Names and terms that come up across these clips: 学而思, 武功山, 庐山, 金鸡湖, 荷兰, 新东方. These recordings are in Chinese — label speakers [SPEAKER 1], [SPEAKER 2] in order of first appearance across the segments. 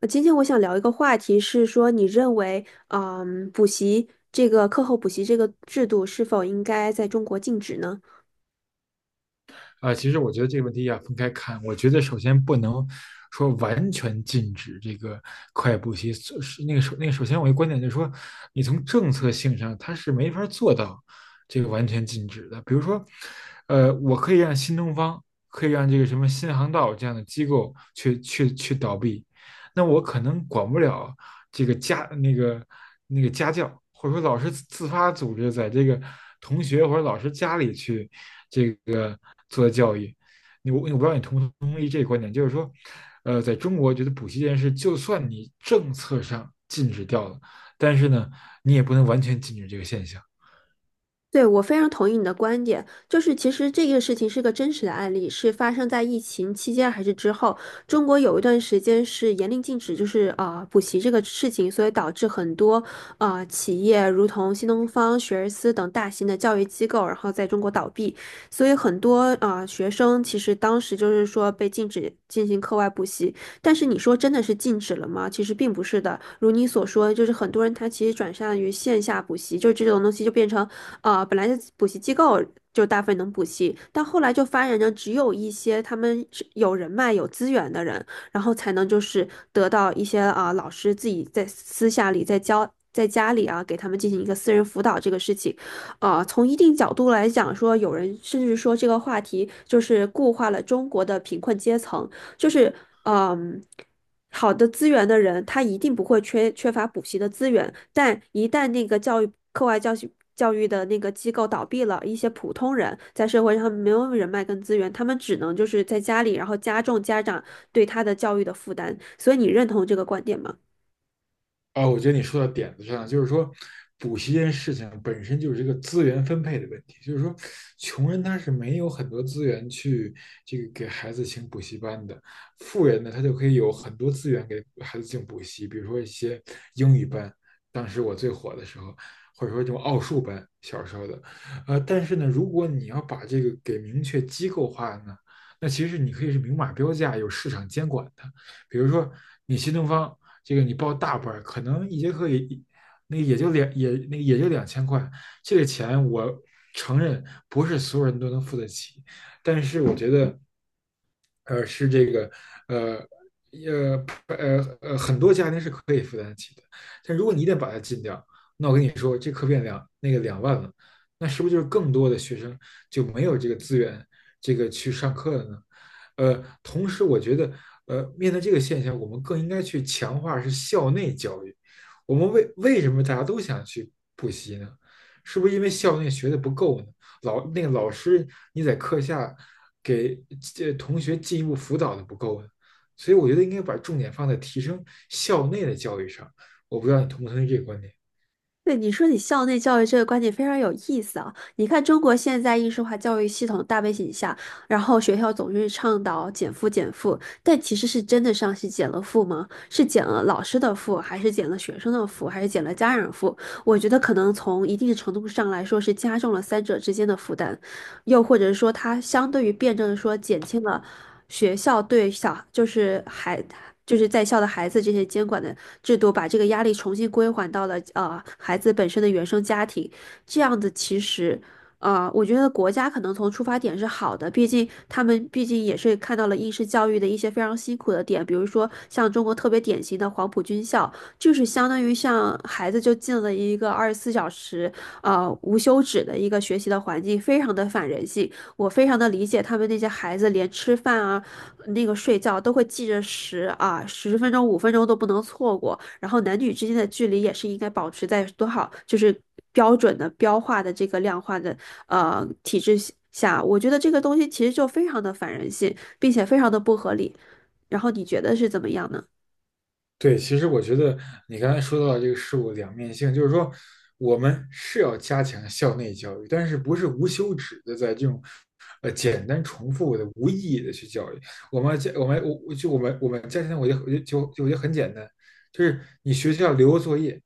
[SPEAKER 1] 今天我想聊一个话题，是说你认为，补习这个课后补习这个制度是否应该在中国禁止呢？
[SPEAKER 2] 啊、其实我觉得这个问题要分开看。我觉得首先不能说完全禁止这个快步习，是那个首那个首先我一观点就是说，你从政策性上它是没法做到这个完全禁止的。比如说，我可以让新东方，可以让这个什么新航道这样的机构去倒闭，那我可能管不了这个家那个那个家教，或者说老师自发组织在这个同学或者老师家里去这个做的教育。你我不知道你同不同意这个观点，就是说，在中国觉得补习这件事，就算你政策上禁止掉了，但是呢，你也不能完全禁止这个现象。
[SPEAKER 1] 对，我非常同意你的观点，就是其实这个事情是个真实的案例，是发生在疫情期间还是之后？中国有一段时间是严令禁止，就是补习这个事情，所以导致很多企业，如同新东方、学而思等大型的教育机构，然后在中国倒闭，所以很多学生其实当时就是说被禁止进行课外补习，但是你说真的是禁止了吗？其实并不是的，如你所说，就是很多人他其实转向于线下补习，就这种东西就变成。本来是补习机构就大部分能补习，但后来就发展成只有一些他们是有人脉、有资源的人，然后才能就是得到一些老师自己在私下里在教。在家里啊，给他们进行一个私人辅导这个事情，从一定角度来讲说，有人甚至说这个话题就是固化了中国的贫困阶层，就是嗯，好的资源的人，他一定不会缺乏补习的资源，但一旦那个教育课外教学。教育的那个机构倒闭了，一些普通人在社会上没有人脉跟资源，他们只能就是在家里，然后加重家长对他的教育的负担。所以你认同这个观点吗？
[SPEAKER 2] 啊，我觉得你说到点子上了，就是说，补习这件事情本身就是一个资源分配的问题，就是说，穷人他是没有很多资源去这个给孩子请补习班的，富人呢，他就可以有很多资源给孩子进补习，比如说一些英语班，当时我最火的时候，或者说这种奥数班，小时候的，但是呢，如果你要把这个给明确机构化呢，那其实你可以是明码标价，有市场监管的，比如说你新东方。这个你报大班儿可能一节课也那个也就两也那个也就2000块，这个钱我承认不是所有人都能付得起，但是我觉得，呃，是这个呃。呃很多家庭是可以负担得起的，但如果你一旦把它禁掉，那我跟你说，这课变2万了，那是不是就是更多的学生就没有这个资源，这个去上课了呢？同时我觉得面对这个现象，我们更应该去强化是校内教育。我们为什么大家都想去补习呢？是不是因为校内学的不够呢？老那个老师你在课下给这同学进一步辅导的不够呢？所以我觉得应该把重点放在提升校内的教育上。我不知道你同不同意这个观点。
[SPEAKER 1] 对，你说校内教育这个观点非常有意思啊！你看，中国现在应试化教育系统大背景下，然后学校总是倡导减负减负，但其实是真的上是减了负吗？是减了老师的负，还是减了学生的负，还是减了家长负？我觉得可能从一定程度上来说是加重了三者之间的负担。又或者说它相对于辩证的说减轻了学校对小就是孩就是在校的孩子这些监管的制度，把这个压力重新归还到了孩子本身的原生家庭，这样子其实。我觉得国家可能从出发点是好的，毕竟他们毕竟也是看到了应试教育的一些非常辛苦的点，比如说像中国特别典型的黄埔军校，就是相当于像孩子就进了一个二十四小时，无休止的一个学习的环境，非常的反人性。我非常的理解他们那些孩子，连吃饭啊、那个睡觉都会记着时啊，十分钟、五分钟都不能错过。然后男女之间的距离也是应该保持在多少，就是标准的标化的这个量化的体制下，我觉得这个东西其实就非常的反人性，并且非常的不合理。然后你觉得是怎么样呢？
[SPEAKER 2] 对，其实我觉得你刚才说到的这个事物的两面性，就是说我们是要加强校内教育，但是不是无休止的在这种简单重复的无意义的去教育。我们家我们我我就我们我们家庭我就我就就就我觉得很简单，就是你学校留个作业，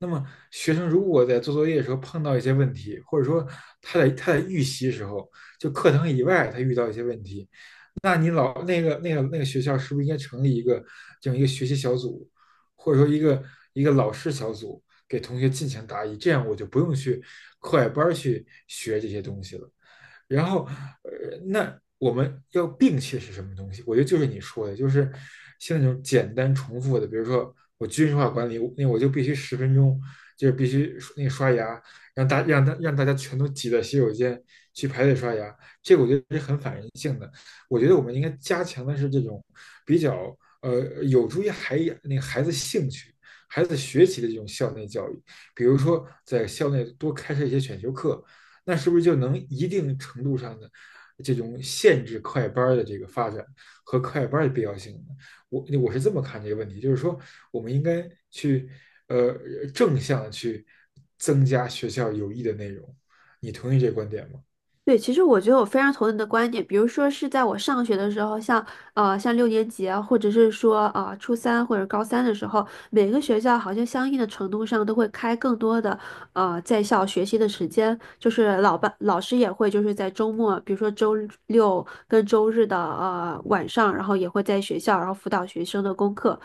[SPEAKER 2] 那么学生如果在做作业的时候碰到一些问题，或者说他在预习的时候，就课堂以外他遇到一些问题，那你老那个那个那个学校是不是应该成立一个这样一个学习小组，或者说一个一个老师小组，给同学进行答疑，这样我就不用去课外班去学这些东西了。然后，那我们要摒弃的是什么东西？我觉得就是你说的，就是像那种简单重复的，比如说我军事化管理，那我就必须十分钟，就是必须那个刷牙，让大家全都挤到洗手间去排队刷牙，这个我觉得是很反人性的。我觉得我们应该加强的是这种比较有助于孩那个孩子兴趣。孩子学习的这种校内教育，比如说在校内多开设一些选修课，那是不是就能一定程度上的这种限制快班的这个发展和快班的必要性呢？我是这么看这个问题，就是说我们应该去呃正向去增加学校有益的内容，你同意这观点吗？
[SPEAKER 1] 对，其实我觉得我非常同意你的观点。比如说是在我上学的时候，像像六年级啊，或者是说初三或者高三的时候，每个学校好像相应的程度上都会开更多的在校学习的时间，就是老班老师也会就是在周末，比如说周六跟周日的晚上，然后也会在学校然后辅导学生的功课。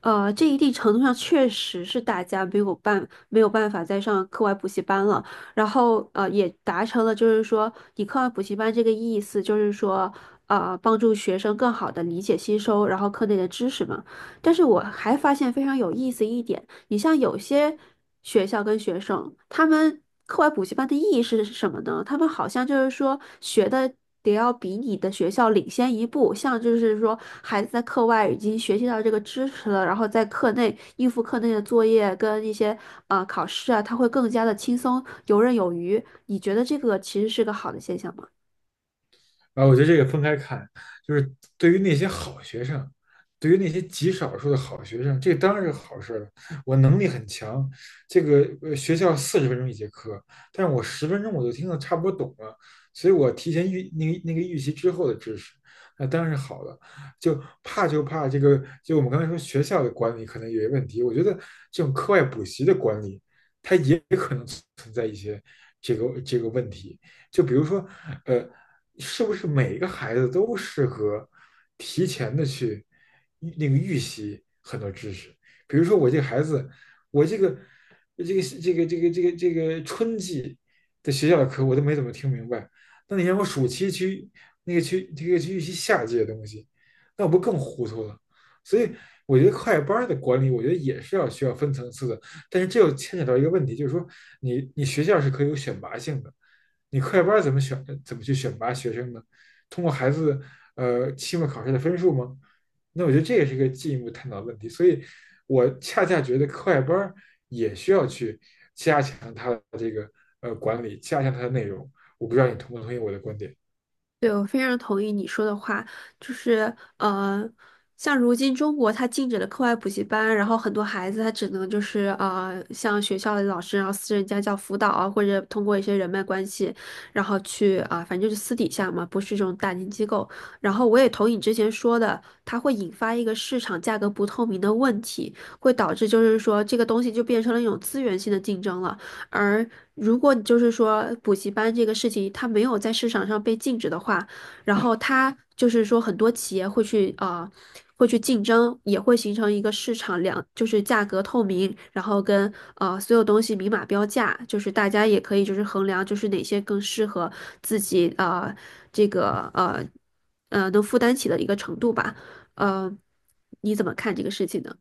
[SPEAKER 1] 这一定程度上确实是大家没有办法再上课外补习班了。然后也达成了就是说你课外补习班这个意思，就是说帮助学生更好的理解吸收，然后课内的知识嘛。但是我还发现非常有意思一点。你像有些学校跟学生，他们课外补习班的意义是什么呢？他们好像就是说学的得要比你的学校领先一步，像就是说孩子在课外已经学习到这个知识了，然后在课内应付课内的作业跟一些考试啊，他会更加的轻松游刃有余。你觉得这个其实是个好的现象吗？
[SPEAKER 2] 啊，我觉得这个分开看，就是对于那些好学生，对于那些极少数的好学生，这当然是好事了。我能力很强，这个学校40分钟一节课，但是我十分钟我就听得差不多懂了，所以我提前预那个那个预习之后的知识，那当然是好的。就怕就怕这个，就我们刚才说学校的管理可能有些问题，我觉得这种课外补习的管理，它也可能存在一些这个问题。就比如说，呃，是不是每个孩子都适合提前的去预那个预习很多知识？比如说我这个孩子，我这个春季的学校的课我都没怎么听明白，那你让我暑期去那个去这个去预习夏季的东西，那我不更糊涂了？所以我觉得快班的管理，我觉得也是要需要分层次的。但是这又牵扯到一个问题，就是说你学校是可以有选拔性的，你课外班怎么选？怎么去选拔学生呢？通过孩子期末考试的分数吗？那我觉得这也是一个进一步探讨的问题。所以，我恰恰觉得课外班也需要去加强它的这个管理，加强它的内容。我不知道你同不同意我的观点。
[SPEAKER 1] 对，我非常同意你说的话，就是呃，像如今中国它禁止了课外补习班，然后很多孩子他只能像学校的老师，然后私人家教辅导啊，或者通过一些人脉关系，然后去反正就是私底下嘛，不是这种大型机构。然后我也同意你之前说的，它会引发一个市场价格不透明的问题，会导致就是说这个东西就变成了一种资源性的竞争了。而如果你就是说补习班这个事情它没有在市场上被禁止的话，然后它就是说很多企业会去啊，会去竞争，也会形成一个市场就是价格透明，然后跟所有东西明码标价，就是大家也可以就是衡量就是哪些更适合自己这个呃能负担起的一个程度吧，呃，你怎么看这个事情呢？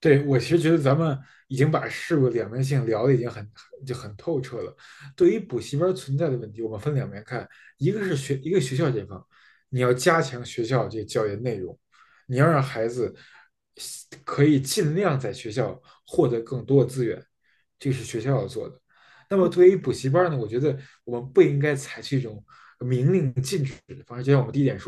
[SPEAKER 2] 对，我其实觉得咱们已经把事物两面性聊的已经很透彻了。对于补习班存在的问题，我们分两面看，一个是学一个学校这方，你要加强学校这个教研内容，你要让孩子可以尽量在学校获得更多的资源，这是学校要做的。那么对于补习班呢，我觉得我们不应该采取一种明令禁止的方式，就像我们第一点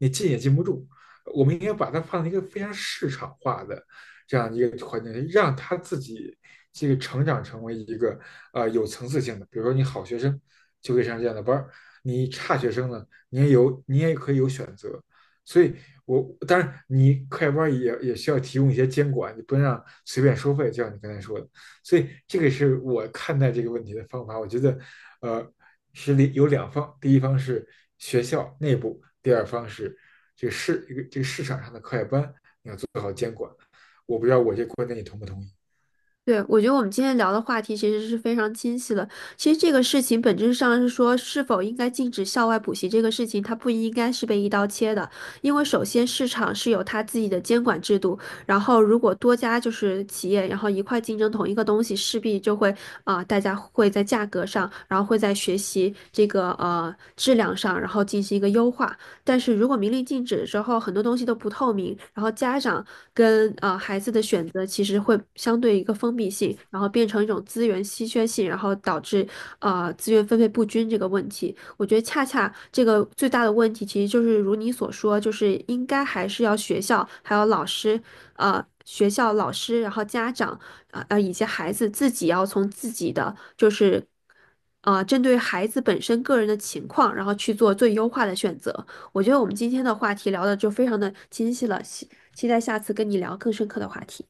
[SPEAKER 2] 你进也进不住。我们应该把它放在一个非常市场化的这样一个环境，让他自己这个成长成为一个有层次性的。比如说，你好学生就可以上这样的班你差学生呢，你也可以有选择。所以我，当然你快班也需要提供一些监管，你不能让随便收费，就像你刚才说的。所以这个是我看待这个问题的方法。我觉得，呃，是里有两方，第一方是学校内部，第二方是这个市场上的课外班。我不知道我这观点你同不同意？
[SPEAKER 1] 对，我觉得我们今天聊的话题其实是非常清晰的。其实这个事情本质上是说，是否应该禁止校外补习这个事情，它不应该是被一刀切的，因为首先市场是有它自己的监管制度，然后如果多家就是企业，然后一块竞争同一个东西，势必就会大家会在价格上，然后会在学习这个质量上，然后进行一个优化。但是如果明令禁止之后，很多东西都不透明，然后家长跟孩子的选择其实会相对一个封闭性，然后变成一种资源稀缺性，然后导致资源分配不均这个问题。我觉得恰恰这个最大的问题，其实就是如你所说，就是应该还是要学校还有老师，呃。学校老师，然后家长，以及孩子自己要从自己的就是，针对孩子本身个人的情况，然后去做最优化的选择。我觉得我们今天的话题聊的就非常的清晰了，期待下次跟你聊更深刻的话题。